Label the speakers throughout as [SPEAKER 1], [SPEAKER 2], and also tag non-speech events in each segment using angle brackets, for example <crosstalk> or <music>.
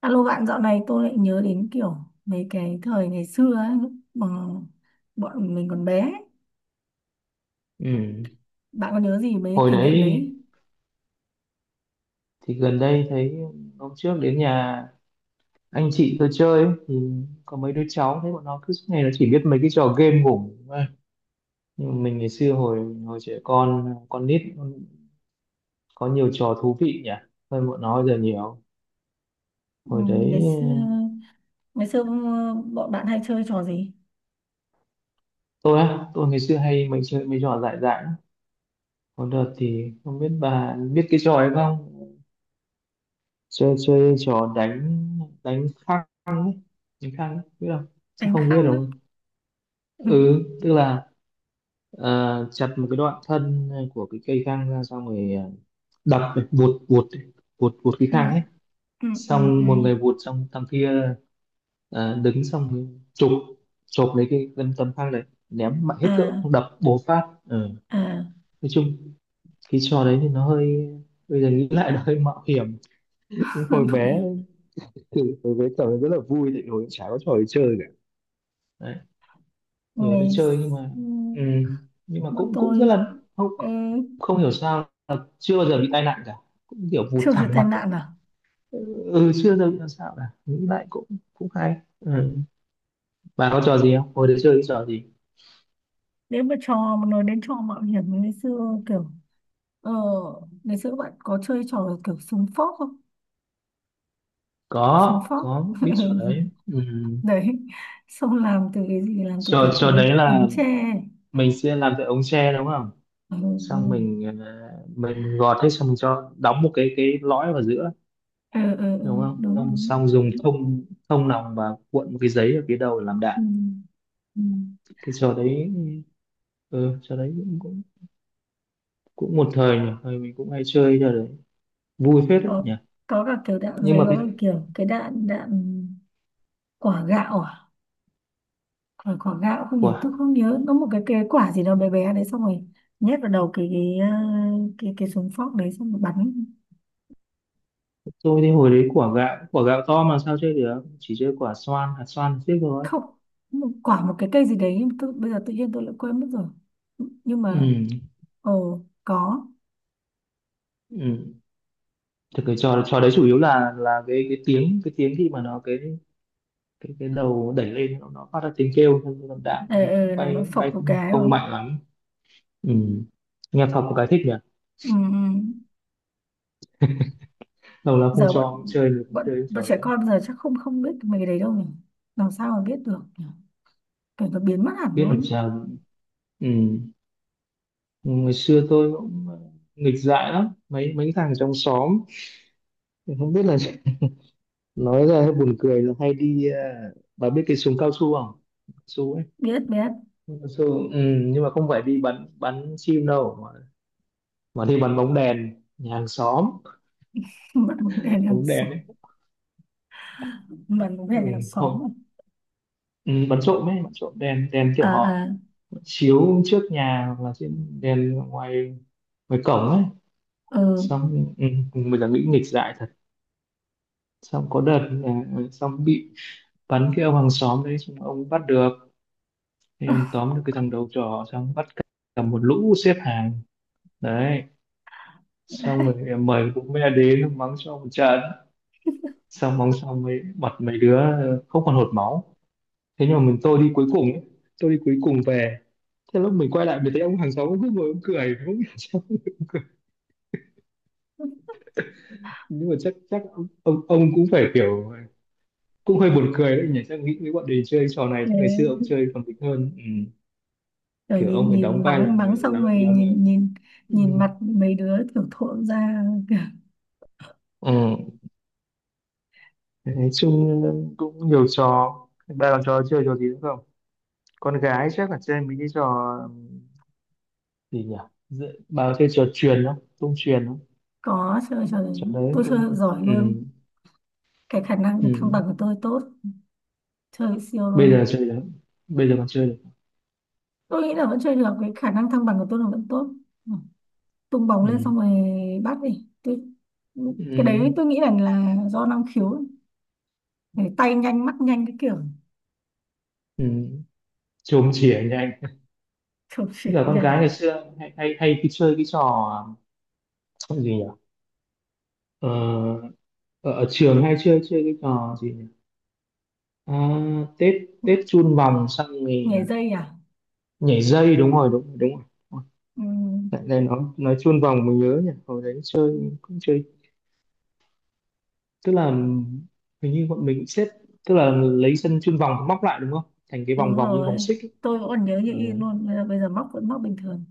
[SPEAKER 1] Alo bạn, dạo này tôi lại nhớ đến kiểu mấy cái thời ngày xưa ấy, lúc mà bọn mình còn bé ấy.
[SPEAKER 2] Ừ.
[SPEAKER 1] Bạn có nhớ gì mấy cái
[SPEAKER 2] Hồi
[SPEAKER 1] kỷ niệm
[SPEAKER 2] đấy
[SPEAKER 1] đấy?
[SPEAKER 2] thì gần đây thấy hôm trước đến nhà anh chị tôi chơi ấy, thì có mấy đứa cháu, thấy bọn nó cứ suốt ngày nó chỉ biết mấy cái trò game ngủ thôi. Nhưng mà mình ngày xưa hồi hồi trẻ con nít có nhiều trò thú vị nhỉ, hơn bọn nó bây giờ nhiều.
[SPEAKER 1] Ừ,
[SPEAKER 2] Hồi
[SPEAKER 1] ngày
[SPEAKER 2] đấy
[SPEAKER 1] xưa ngày xưa ừ, bọn bạn hay chơi trò gì?
[SPEAKER 2] tôi ngày xưa hay mình chơi mấy trò dại dại lắm. Có đợt thì không biết bà biết cái trò ấy không, chơi chơi trò đánh đánh khăn ấy, đánh khăn ấy biết không, chắc
[SPEAKER 1] Đánh
[SPEAKER 2] không biết
[SPEAKER 1] khăng á.
[SPEAKER 2] đâu. Ừ,
[SPEAKER 1] <laughs>
[SPEAKER 2] tức là Ờ, chặt một cái đoạn thân của cái cây khang ra, xong rồi đập ấy, vuột vuột cái
[SPEAKER 1] Ừ,
[SPEAKER 2] khang ấy.
[SPEAKER 1] ừ, ừ, ừ, ừ.
[SPEAKER 2] Xong một người vuột xong thằng kia đứng xong rồi chụp chụp lấy cái tấm tấm khang đấy, ném mạnh hết cỡ
[SPEAKER 1] À,
[SPEAKER 2] đập bố phát. Ờ,
[SPEAKER 1] à,
[SPEAKER 2] nói chung cái trò đấy thì nó hơi, bây giờ nghĩ lại nó hơi mạo hiểm. Nhưng hồi
[SPEAKER 1] <laughs> không
[SPEAKER 2] bé
[SPEAKER 1] hiểu.
[SPEAKER 2] thì hồi bé trò đấy rất là vui, tại vì hồi chả có trò để chơi cả, kiểu để
[SPEAKER 1] Ngày
[SPEAKER 2] chơi,
[SPEAKER 1] xưa
[SPEAKER 2] ừ nhưng mà
[SPEAKER 1] bọn
[SPEAKER 2] cũng cũng
[SPEAKER 1] tôi
[SPEAKER 2] rất là không
[SPEAKER 1] ê,
[SPEAKER 2] không hiểu sao là chưa bao giờ bị tai nạn cả, cũng kiểu vụt
[SPEAKER 1] chưa thấy
[SPEAKER 2] thẳng
[SPEAKER 1] tai
[SPEAKER 2] mặt.
[SPEAKER 1] nạn à?
[SPEAKER 2] Ừ, chưa bao giờ bị làm sao cả, nghĩ lại cũng cũng hay. Ừ. Bà có trò gì không, hồi đấy chơi cái trò gì?
[SPEAKER 1] Nếu mà trò mà nói đến trò mạo hiểm ngày xưa kiểu ờ, ngày xưa bạn có chơi trò kiểu súng phóc không? Xuống
[SPEAKER 2] có
[SPEAKER 1] phóc.
[SPEAKER 2] có
[SPEAKER 1] <laughs> Ừ,
[SPEAKER 2] biết trò đấy. Ừ.
[SPEAKER 1] đấy, xong làm từ cái gì, làm từ
[SPEAKER 2] trò
[SPEAKER 1] cái
[SPEAKER 2] trò
[SPEAKER 1] ống
[SPEAKER 2] đấy
[SPEAKER 1] ống
[SPEAKER 2] là
[SPEAKER 1] tre,
[SPEAKER 2] mình sẽ làm cái ống tre đúng không, xong
[SPEAKER 1] ừ.
[SPEAKER 2] mình gọt hết, xong mình cho đóng một cái lõi vào giữa
[SPEAKER 1] Ừ, ừ, ừ, ừ, ừ,
[SPEAKER 2] đúng không,
[SPEAKER 1] đúng
[SPEAKER 2] xong,
[SPEAKER 1] đúng,
[SPEAKER 2] xong dùng thông thông nòng và cuộn một cái giấy ở phía đầu để làm
[SPEAKER 1] ừ.
[SPEAKER 2] đạn.
[SPEAKER 1] Ừ.
[SPEAKER 2] Cái trò đấy, ừ, trò đấy cũng cũng cũng một thời nhỉ, thời mình cũng hay chơi trò đấy, vui phết đấy
[SPEAKER 1] có
[SPEAKER 2] nhỉ.
[SPEAKER 1] có cả kiểu đạn
[SPEAKER 2] Nhưng
[SPEAKER 1] giấy,
[SPEAKER 2] mà
[SPEAKER 1] có
[SPEAKER 2] cái
[SPEAKER 1] cả kiểu cái đạn đạn quả gạo à? Quả quả gạo không nhớ,
[SPEAKER 2] quả
[SPEAKER 1] tôi không nhớ nó, một cái quả gì đó bé bé đấy xong rồi nhét vào đầu cái ờ, cái súng phóc đấy xong rồi bắn.
[SPEAKER 2] tôi thì hồi đấy quả gạo, quả gạo to mà sao chơi được, chỉ chơi quả xoan hạt xoan tiếp thôi.
[SPEAKER 1] Không, một quả, một cái cây gì đấy, tôi bây giờ tự nhiên tôi lại quên mất rồi, nhưng
[SPEAKER 2] Ừ,
[SPEAKER 1] mà ồ có.
[SPEAKER 2] ừ, thì cái trò trò đấy chủ yếu là cái tiếng cái tiếng khi mà nó cái đầu đẩy lên, nó phát ra tiếng kêu, xong rồi đạn thì
[SPEAKER 1] Ừ,
[SPEAKER 2] nó cũng
[SPEAKER 1] ừ, là nó
[SPEAKER 2] bay
[SPEAKER 1] phộc
[SPEAKER 2] bay,
[SPEAKER 1] một
[SPEAKER 2] không
[SPEAKER 1] cái đúng
[SPEAKER 2] không
[SPEAKER 1] không?
[SPEAKER 2] mạnh lắm. Ừ, nghe thật có cái thích nhỉ,
[SPEAKER 1] Ừ, ừ.
[SPEAKER 2] lâu lắm không
[SPEAKER 1] Giờ bọn
[SPEAKER 2] cho chơi được
[SPEAKER 1] bọn
[SPEAKER 2] chơi cái
[SPEAKER 1] bọn
[SPEAKER 2] trò
[SPEAKER 1] trẻ
[SPEAKER 2] đấy,
[SPEAKER 1] con giờ chắc không không biết mấy cái đấy đâu nhỉ, làm sao mà biết được nhỉ, kiểu nó biến mất hẳn
[SPEAKER 2] biết làm
[SPEAKER 1] luôn.
[SPEAKER 2] sao. Ừ, ngày xưa tôi cũng nghịch dại lắm, mấy mấy thằng trong xóm không biết là <laughs> nói ra hơi buồn cười, là hay đi bà biết cái súng cao su không, su ấy,
[SPEAKER 1] Biết, biết.
[SPEAKER 2] cao su. Ừ, nhưng mà không phải đi bắn bắn chim đâu mà, đi bắn bóng đèn nhà hàng xóm,
[SPEAKER 1] <laughs> Bạn muốn về hàng
[SPEAKER 2] bóng đèn
[SPEAKER 1] xóm.
[SPEAKER 2] ấy.
[SPEAKER 1] Bạn muốn
[SPEAKER 2] Ừ,
[SPEAKER 1] về hàng xóm.
[SPEAKER 2] hồi, ừ, bắn trộm ấy, bắn trộm đèn đèn kiểu
[SPEAKER 1] À, à,
[SPEAKER 2] họ chiếu trước nhà, hoặc là trên đèn ngoài ngoài cổng ấy.
[SPEAKER 1] à, ừ.
[SPEAKER 2] Xong ừ, mình là nghĩ nghịch dại thật. Xong có đợt là xong bị bắn, cái ông hàng xóm đấy xong ông bắt được, thì ông tóm được cái thằng đầu trò, xong bắt cả cả một lũ xếp hàng đấy, xong
[SPEAKER 1] <laughs>
[SPEAKER 2] rồi em mời cũng mẹ đến mắng cho một trận, xong mắng xong mấy mặt mấy đứa không còn hột máu. Thế nhưng mà tôi đi cuối cùng ấy, tôi đi cuối cùng về, thế lúc mình quay lại mình thấy ông hàng xóm cứ ngồi ông cười không hiểu sao. <laughs> Nhưng mà chắc chắc ông cũng phải kiểu cũng hơi buồn cười đấy nhỉ, chắc nghĩ với bọn mình chơi trò này
[SPEAKER 1] Thế,
[SPEAKER 2] chắc ngày xưa ông chơi còn mình hơn. Ừ.
[SPEAKER 1] kiểu
[SPEAKER 2] Kiểu ông
[SPEAKER 1] nhìn
[SPEAKER 2] phải
[SPEAKER 1] nhìn
[SPEAKER 2] đóng vai là
[SPEAKER 1] mắng mắng
[SPEAKER 2] người, là
[SPEAKER 1] xong rồi
[SPEAKER 2] là người.
[SPEAKER 1] nhìn nhìn, nhìn
[SPEAKER 2] Ừ.
[SPEAKER 1] mặt mấy đứa kiểu thộn ra, kiểu,
[SPEAKER 2] Ừ. Nói chung cũng nhiều trò. Ba làm trò chơi trò gì nữa không? Con gái chắc là chơi mấy cái trò gì nhỉ, bà có chơi trò truyền không, tung truyền không?
[SPEAKER 1] có chơi trò đấy,
[SPEAKER 2] Trò đấy
[SPEAKER 1] tôi chơi
[SPEAKER 2] cũng,
[SPEAKER 1] giỏi
[SPEAKER 2] ừ.
[SPEAKER 1] luôn. Cái khả năng thăng
[SPEAKER 2] Ừ.
[SPEAKER 1] bằng của tôi tốt, chơi siêu
[SPEAKER 2] Bây
[SPEAKER 1] luôn.
[SPEAKER 2] giờ chơi được, bây giờ còn chơi được.
[SPEAKER 1] Tôi nghĩ là vẫn chơi được, cái khả năng thăng bằng của tôi là vẫn tốt. Ừ. Tung bóng lên
[SPEAKER 2] Ừ.
[SPEAKER 1] xong rồi bắt đi tôi, cái
[SPEAKER 2] Ừ.
[SPEAKER 1] đấy tôi nghĩ là do năng khiếu ấy. Để tay nhanh mắt nhanh cái kiểu
[SPEAKER 2] Ừ. Chôm chỉa nhanh.
[SPEAKER 1] chụp
[SPEAKER 2] Thế
[SPEAKER 1] chỉ
[SPEAKER 2] là con gái
[SPEAKER 1] nhanh.
[SPEAKER 2] ngày
[SPEAKER 1] <laughs>
[SPEAKER 2] xưa hay hay hay cái chơi cái trò gì nhỉ, ờ, ở trường hay chơi chơi cái trò gì nhỉ? À, Tết Tết chun vòng, xong thì
[SPEAKER 1] Nhảy dây à?
[SPEAKER 2] nhảy dây đúng rồi, đúng rồi, đúng rồi. Ôi,
[SPEAKER 1] Ừ,
[SPEAKER 2] lại đây nó nói chun vòng mình nhớ nhỉ, hồi đấy chơi cũng chơi, tức là hình như bọn mình xếp, tức là lấy sân chun vòng móc lại đúng không, thành cái vòng
[SPEAKER 1] đúng
[SPEAKER 2] vòng như vòng
[SPEAKER 1] rồi,
[SPEAKER 2] xích ấy.
[SPEAKER 1] tôi vẫn còn nhớ như
[SPEAKER 2] Ừ,
[SPEAKER 1] in luôn, bây giờ móc vẫn móc bình thường.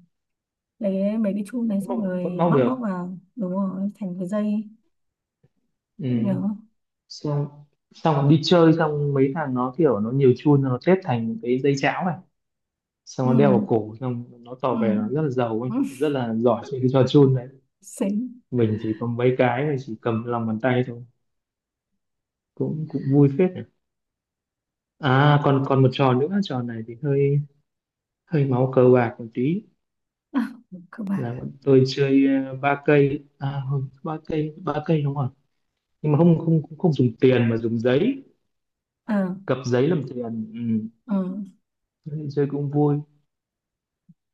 [SPEAKER 1] Lấy mấy cái chum đấy xong
[SPEAKER 2] vẫn
[SPEAKER 1] rồi
[SPEAKER 2] móc
[SPEAKER 1] móc móc
[SPEAKER 2] được.
[SPEAKER 1] vào, đúng rồi, thành cái dây ấy.
[SPEAKER 2] Ừ.
[SPEAKER 1] Vẫn nhớ,
[SPEAKER 2] xong xong còn đi chơi, xong mấy thằng nó kiểu nó nhiều chun nó xếp thành cái dây cháo này, xong
[SPEAKER 1] ừ,
[SPEAKER 2] nó đeo vào cổ, xong nó
[SPEAKER 1] ừ,
[SPEAKER 2] tỏ vẻ nó rất là giàu ấy,
[SPEAKER 1] ừ.
[SPEAKER 2] rất là giỏi chơi cái trò chun đấy.
[SPEAKER 1] Xính.
[SPEAKER 2] Mình chỉ có mấy cái mình chỉ cầm lòng bàn tay thôi, cũng cũng vui phết nhỉ. À, còn còn một trò nữa, trò này thì hơi hơi máu cờ bạc một tí,
[SPEAKER 1] <laughs> À, cơ bản,
[SPEAKER 2] là bọn tôi chơi ba cây, à không, ba cây đúng không, nhưng mà không không cũng không dùng tiền mà dùng giấy,
[SPEAKER 1] ờ
[SPEAKER 2] cặp giấy làm tiền. Ừ.
[SPEAKER 1] ờ
[SPEAKER 2] Thế thì chơi cũng vui,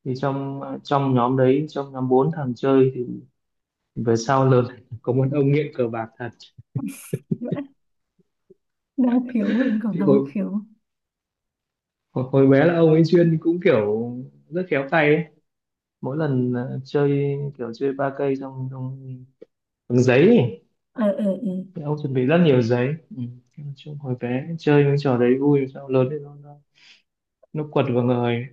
[SPEAKER 2] thì trong nhóm đấy, trong nhóm bốn thằng chơi thì về sau lớn <laughs> có một ông nghiện cờ bạc thật.
[SPEAKER 1] vẫn năng khiếu, mình còn
[SPEAKER 2] Thì
[SPEAKER 1] năng
[SPEAKER 2] hồi,
[SPEAKER 1] khiếu,
[SPEAKER 2] hồi hồi bé là ông ấy chuyên cũng kiểu rất khéo tay ấy, mỗi lần chơi kiểu chơi ba cây trong trong bằng giấy ấy.
[SPEAKER 1] ừ, ừ, ừ.
[SPEAKER 2] Thì ông chuẩn bị rất nhiều giấy. Ừ. Nói chung hồi bé chơi những trò đấy vui, sao lớn thì nó quật vào người.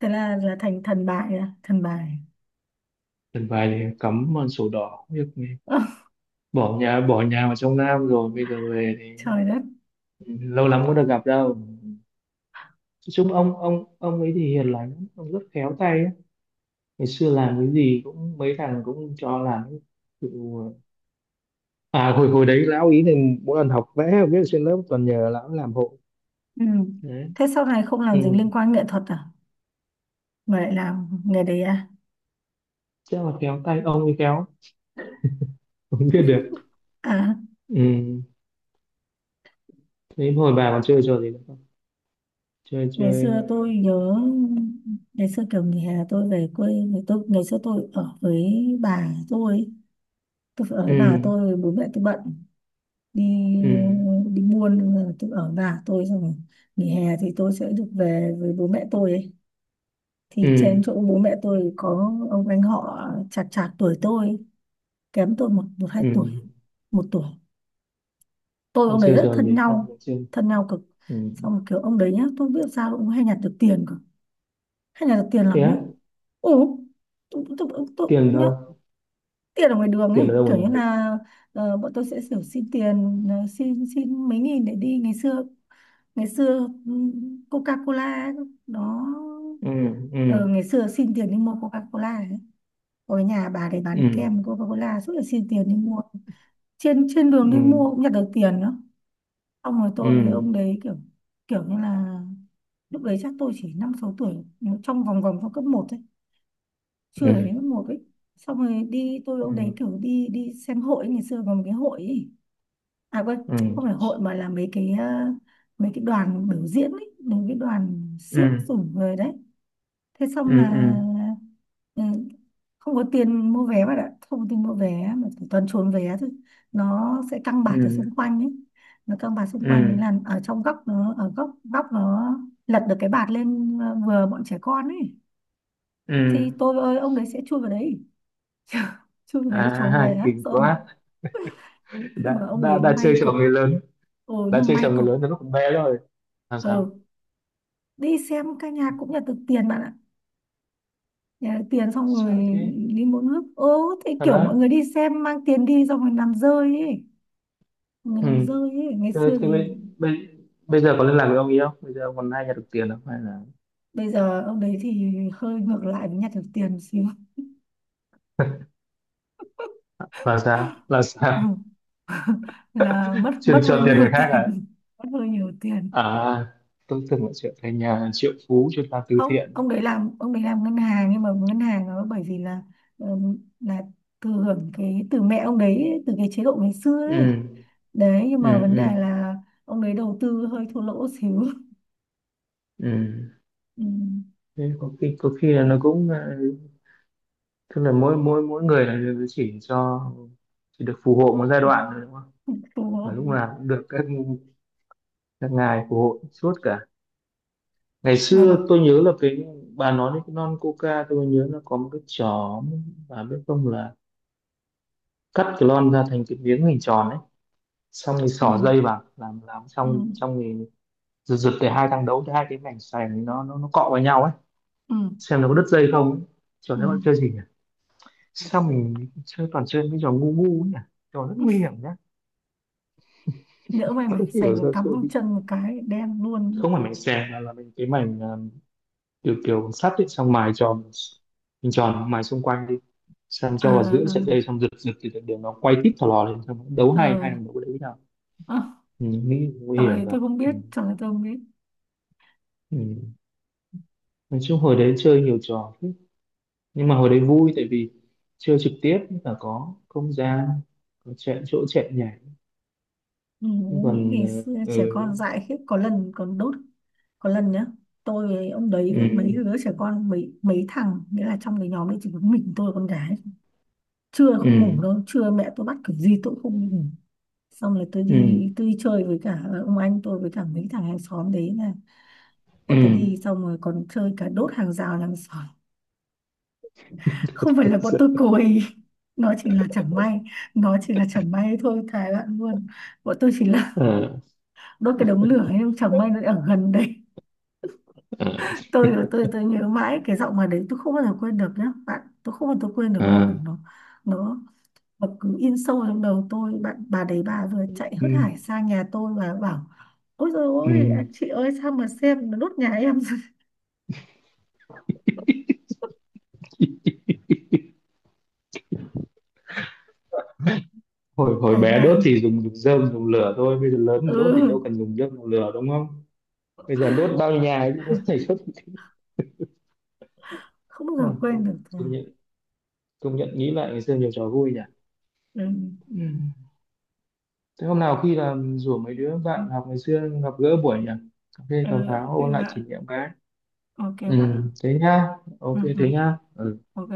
[SPEAKER 1] Thế là thành thần bài à, thần bài?
[SPEAKER 2] Lần bài thì cắm vào sổ đỏ việc này,
[SPEAKER 1] <laughs>
[SPEAKER 2] bỏ nhà vào trong Nam rồi, bây giờ về thì
[SPEAKER 1] Trời đất.
[SPEAKER 2] lâu lắm có được gặp đâu, nói chung ông ấy thì hiền lành lắm, ông rất khéo tay ấy. Ngày xưa làm cái gì cũng mấy thằng cũng cho làm tự... à hồi hồi đấy lão ý thì mỗi lần học vẽ viết trên lớp toàn nhờ lão làm hộ
[SPEAKER 1] Ừ.
[SPEAKER 2] đấy.
[SPEAKER 1] Thế sau này không làm
[SPEAKER 2] Ừ.
[SPEAKER 1] dính liên quan nghệ thuật à, mà lại làm nghề đấy à?
[SPEAKER 2] Chắc là khéo tay ông ấy khéo, không biết được.
[SPEAKER 1] À.
[SPEAKER 2] Ừ. Thế hồi bà còn chơi trò gì nữa không? Chơi
[SPEAKER 1] Ngày
[SPEAKER 2] chơi
[SPEAKER 1] xưa tôi nhớ, ngày xưa kiểu nghỉ hè tôi về quê, thì tôi ngày xưa tôi ở với bà tôi phải ở với bà
[SPEAKER 2] Ừ,
[SPEAKER 1] tôi, bố mẹ tôi bận đi
[SPEAKER 2] ừ,
[SPEAKER 1] đi buôn nên là tôi ở với bà tôi, xong rồi nghỉ hè thì tôi sẽ được về với bố mẹ tôi ấy. Thì trên chỗ
[SPEAKER 2] ừ,
[SPEAKER 1] bố mẹ tôi có ông anh họ, chạc chạc tuổi tôi, kém tôi một một hai
[SPEAKER 2] ừ.
[SPEAKER 1] tuổi, một tuổi, tôi với
[SPEAKER 2] Còn
[SPEAKER 1] ông đấy
[SPEAKER 2] chơi
[SPEAKER 1] rất
[SPEAKER 2] trò
[SPEAKER 1] thân
[SPEAKER 2] gì ta,
[SPEAKER 1] nhau.
[SPEAKER 2] không chơi.
[SPEAKER 1] Thân nhau cực.
[SPEAKER 2] Ừ.
[SPEAKER 1] Xong rồi kiểu ông đấy nhá, tôi không biết sao ông hay nhặt được tiền cơ, hay nhặt được tiền lắm
[SPEAKER 2] Thế
[SPEAKER 1] nhá.
[SPEAKER 2] á,
[SPEAKER 1] Ừ, tôi
[SPEAKER 2] tiền
[SPEAKER 1] nhá,
[SPEAKER 2] đâu?
[SPEAKER 1] tiền ở ngoài đường ấy,
[SPEAKER 2] Tiền ở đâu
[SPEAKER 1] kiểu
[SPEAKER 2] mà
[SPEAKER 1] như
[SPEAKER 2] nhận được?
[SPEAKER 1] là bọn tôi sẽ kiểu xin tiền, xin xin mấy nghìn để đi ngày xưa ừ, Coca-Cola ấy, đó.
[SPEAKER 2] Ừ, ừ,
[SPEAKER 1] Ờ, Ngày xưa xin tiền đi mua Coca-Cola ấy, ở nhà bà để
[SPEAKER 2] ừ,
[SPEAKER 1] bán kem Coca-Cola suốt là xin tiền đi mua, trên trên đường
[SPEAKER 2] ừ,
[SPEAKER 1] đi mua cũng nhặt được tiền nữa. Xong rồi
[SPEAKER 2] ừ,
[SPEAKER 1] tôi với ông đấy kiểu kiểu như là lúc đấy chắc tôi chỉ năm sáu tuổi, nhưng trong vòng vòng, trong cấp một thôi, chưa đến
[SPEAKER 2] ừ,
[SPEAKER 1] cấp một ấy. Xong rồi đi, tôi với
[SPEAKER 2] ừ,
[SPEAKER 1] ông đấy kiểu đi đi xem hội ấy, ngày xưa còn một cái hội ấy. À quên,
[SPEAKER 2] ừ,
[SPEAKER 1] không phải hội mà là mấy cái mấy cái đoàn biểu diễn ấy, mấy cái đoàn xiếc rồi
[SPEAKER 2] ừ,
[SPEAKER 1] về đấy. Thế xong là
[SPEAKER 2] ừ,
[SPEAKER 1] ừ, không có tiền mua vé bạn ạ, không có tiền mua vé mà chỉ toàn trốn vé thôi. Nó sẽ căng
[SPEAKER 2] ừ,
[SPEAKER 1] bạt ở
[SPEAKER 2] ừ,
[SPEAKER 1] xung quanh ấy, nó căng bạt xung quanh đấy,
[SPEAKER 2] ừ,
[SPEAKER 1] là ở trong góc, nó ở góc góc, nó lật được cái bạt lên, vừa bọn trẻ con ấy,
[SPEAKER 2] ừ.
[SPEAKER 1] thì tôi ơi ông đấy sẽ chui vào đấy. <laughs> Chui vào
[SPEAKER 2] À,
[SPEAKER 1] đấy trốn vé.
[SPEAKER 2] kinh
[SPEAKER 1] Sợ.
[SPEAKER 2] quá. <laughs>
[SPEAKER 1] Nhưng mà
[SPEAKER 2] Đã
[SPEAKER 1] ông
[SPEAKER 2] đã
[SPEAKER 1] đấy
[SPEAKER 2] đã
[SPEAKER 1] may
[SPEAKER 2] chơi trò
[SPEAKER 1] cực,
[SPEAKER 2] người lớn,
[SPEAKER 1] ừ,
[SPEAKER 2] đã
[SPEAKER 1] nhưng
[SPEAKER 2] chơi
[SPEAKER 1] may
[SPEAKER 2] trò người
[SPEAKER 1] cực.
[SPEAKER 2] lớn từ lúc còn bé rồi. Làm sao?
[SPEAKER 1] Ừ, đi xem ca nhạc cũng là được tiền bạn ạ. Nhà tiền xong rồi
[SPEAKER 2] Sao thế?
[SPEAKER 1] đi mỗi nước ố thế,
[SPEAKER 2] Thật
[SPEAKER 1] kiểu mọi
[SPEAKER 2] á?
[SPEAKER 1] người đi xem mang tiền đi xong rồi làm rơi ấy, mọi người
[SPEAKER 2] Ừ.
[SPEAKER 1] làm rơi ấy, ngày
[SPEAKER 2] Thế,
[SPEAKER 1] xưa
[SPEAKER 2] thế
[SPEAKER 1] thì
[SPEAKER 2] bây giờ có liên lạc với ông ý không? Bây giờ ông còn hay nhận được tiền không? Hay là
[SPEAKER 1] bây giờ ông đấy thì hơi ngược lại với nhặt được tiền một xíu.
[SPEAKER 2] <laughs> là sao? Là
[SPEAKER 1] Ừ.
[SPEAKER 2] sao?
[SPEAKER 1] Là mất mất
[SPEAKER 2] Chuyên
[SPEAKER 1] hơi
[SPEAKER 2] cho tiền
[SPEAKER 1] nhiều
[SPEAKER 2] người
[SPEAKER 1] <laughs>
[SPEAKER 2] khác à?
[SPEAKER 1] tiền, mất hơi nhiều tiền.
[SPEAKER 2] À, tôi tưởng là chuyện thành nhà triệu phú chuyên làm từ
[SPEAKER 1] Không,
[SPEAKER 2] thiện.
[SPEAKER 1] ông đấy làm, ông đấy làm ngân hàng, nhưng mà ngân hàng nó bởi vì là thừa hưởng cái từ mẹ ông đấy ấy, từ cái chế độ ngày xưa
[SPEAKER 2] Ừ,
[SPEAKER 1] ấy đấy, nhưng
[SPEAKER 2] ừ,
[SPEAKER 1] mà vấn đề
[SPEAKER 2] ừ,
[SPEAKER 1] là ông đấy đầu tư hơi thua lỗ xíu.
[SPEAKER 2] ừ.
[SPEAKER 1] <laughs> Ừ.
[SPEAKER 2] Thế có khi, là nó cũng tức là mỗi mỗi mỗi người là chỉ được phù hộ một giai đoạn thôi đúng không? Và
[SPEAKER 1] Thua.
[SPEAKER 2] lúc nào cũng được các ngài phù hộ suốt cả. Ngày
[SPEAKER 1] Mà
[SPEAKER 2] xưa tôi nhớ là cái bà nói đến cái lon coca, tôi nhớ nó có một cái chó, bà biết không, là cắt cái lon ra thành cái miếng hình tròn ấy, xong thì
[SPEAKER 1] ừ,
[SPEAKER 2] xỏ dây vào làm
[SPEAKER 1] ừ,
[SPEAKER 2] xong xong thì giật giật để hai thằng đấu hai cái mảnh sành ấy, nó cọ vào nhau ấy,
[SPEAKER 1] ừ,
[SPEAKER 2] xem nó có đứt dây không ấy. Trò
[SPEAKER 1] ừ.
[SPEAKER 2] đấy bạn chơi gì nhỉ? Sao mình toàn chơi mấy trò ngu ngu ấy nhỉ, trò rất nguy
[SPEAKER 1] <laughs>
[SPEAKER 2] hiểm nhá,
[SPEAKER 1] Nhỡ may
[SPEAKER 2] không
[SPEAKER 1] mày sành
[SPEAKER 2] hiểu
[SPEAKER 1] nó
[SPEAKER 2] sao
[SPEAKER 1] cắm
[SPEAKER 2] chơi
[SPEAKER 1] vào chân một cái đen luôn.
[SPEAKER 2] không phải mảnh sành mà là mình cái mảnh, kiểu kiểu sắt ấy, xong mài tròn mình tròn mài xung quanh đi, xong
[SPEAKER 1] ờ
[SPEAKER 2] cho vào giữa
[SPEAKER 1] ờ
[SPEAKER 2] sợi dây, xong giật giật thì để nó quay tít thò lò lên, xong nó đấu hai hai
[SPEAKER 1] ờ
[SPEAKER 2] thằng đấu đấy với nhau.
[SPEAKER 1] À,
[SPEAKER 2] Ừ, nghĩ nguy
[SPEAKER 1] trò
[SPEAKER 2] hiểm
[SPEAKER 1] này
[SPEAKER 2] rồi.
[SPEAKER 1] tôi không
[SPEAKER 2] Ừ.
[SPEAKER 1] biết, trò này tôi không biết.
[SPEAKER 2] Ừ. Nói chung hồi đấy chơi nhiều trò thế. Nhưng mà hồi đấy vui tại vì chơi trực tiếp, là có không gian, có chạy chỗ chạy nhảy.
[SPEAKER 1] Ừ,
[SPEAKER 2] Nhưng
[SPEAKER 1] nghĩ
[SPEAKER 2] còn
[SPEAKER 1] ngày xưa trẻ
[SPEAKER 2] ừ,
[SPEAKER 1] con dại khiếp, có lần còn đốt, có lần nhá, tôi với ông đấy với mấy đứa
[SPEAKER 2] ừ,
[SPEAKER 1] trẻ con, mấy mấy thằng nghĩa là trong cái nhóm đấy chỉ có mình tôi là con gái. Trưa không ngủ
[SPEAKER 2] ừ,
[SPEAKER 1] đâu, trưa mẹ tôi bắt kiểu gì tôi cũng không ngủ, xong rồi
[SPEAKER 2] ừ,
[SPEAKER 1] tôi đi chơi với cả ông anh tôi với cả mấy thằng hàng xóm đấy, là bọn tôi
[SPEAKER 2] ừ.
[SPEAKER 1] đi xong rồi còn chơi cả đốt hàng rào hàng xóm. <laughs> Không phải là bọn tôi
[SPEAKER 2] <laughs>
[SPEAKER 1] cùi. <laughs> Nó chỉ là chẳng may, nó chỉ là chẳng may thôi thề bạn luôn, bọn tôi chỉ là
[SPEAKER 2] Ờ,
[SPEAKER 1] <laughs> đốt cái đống lửa ấy nhưng chẳng may nó ở gần đấy.
[SPEAKER 2] ờ,
[SPEAKER 1] <laughs> Tôi nhớ mãi cái giọng mà đấy, tôi không bao giờ quên được nhá bạn, tôi không bao giờ quên được
[SPEAKER 2] ờ,
[SPEAKER 1] luôn nó, nó nó cứ in sâu trong đầu tôi bạn, bà đấy bà vừa chạy hớt hải
[SPEAKER 2] ừ,
[SPEAKER 1] sang nhà tôi và bảo: "Ôi dồi
[SPEAKER 2] ừ.
[SPEAKER 1] ôi, à, chị ơi sao mà xem nó đốt nhà em." <laughs>
[SPEAKER 2] hồi hồi
[SPEAKER 1] Thầy
[SPEAKER 2] bé đốt
[SPEAKER 1] bạn.
[SPEAKER 2] thì dùng dùng rơm dùng lửa thôi, bây giờ lớn
[SPEAKER 1] Ừ.
[SPEAKER 2] đốt thì đâu cần dùng rơm dùng lửa đúng không, bây giờ đốt bao nhiêu nhà ấy chứ đốt, thầy
[SPEAKER 1] <laughs>
[SPEAKER 2] đốt.
[SPEAKER 1] Không bao
[SPEAKER 2] Ừ,
[SPEAKER 1] giờ quên được thầy.
[SPEAKER 2] công nhận, công nhận nghĩ lại ngày xưa nhiều trò vui nhỉ.
[SPEAKER 1] Ừ,
[SPEAKER 2] Ừ. Thế hôm nào khi là rủ mấy đứa bạn học ngày xưa gặp gỡ buổi nhỉ, cà phê
[SPEAKER 1] ừ,
[SPEAKER 2] cà
[SPEAKER 1] ok
[SPEAKER 2] pháo ôn lại
[SPEAKER 1] bạn,
[SPEAKER 2] kỷ niệm cái.
[SPEAKER 1] ok
[SPEAKER 2] Ừ
[SPEAKER 1] bạn,
[SPEAKER 2] thế nhá, ok
[SPEAKER 1] ừ, ừ,
[SPEAKER 2] thế nhá. Ừ.
[SPEAKER 1] ok.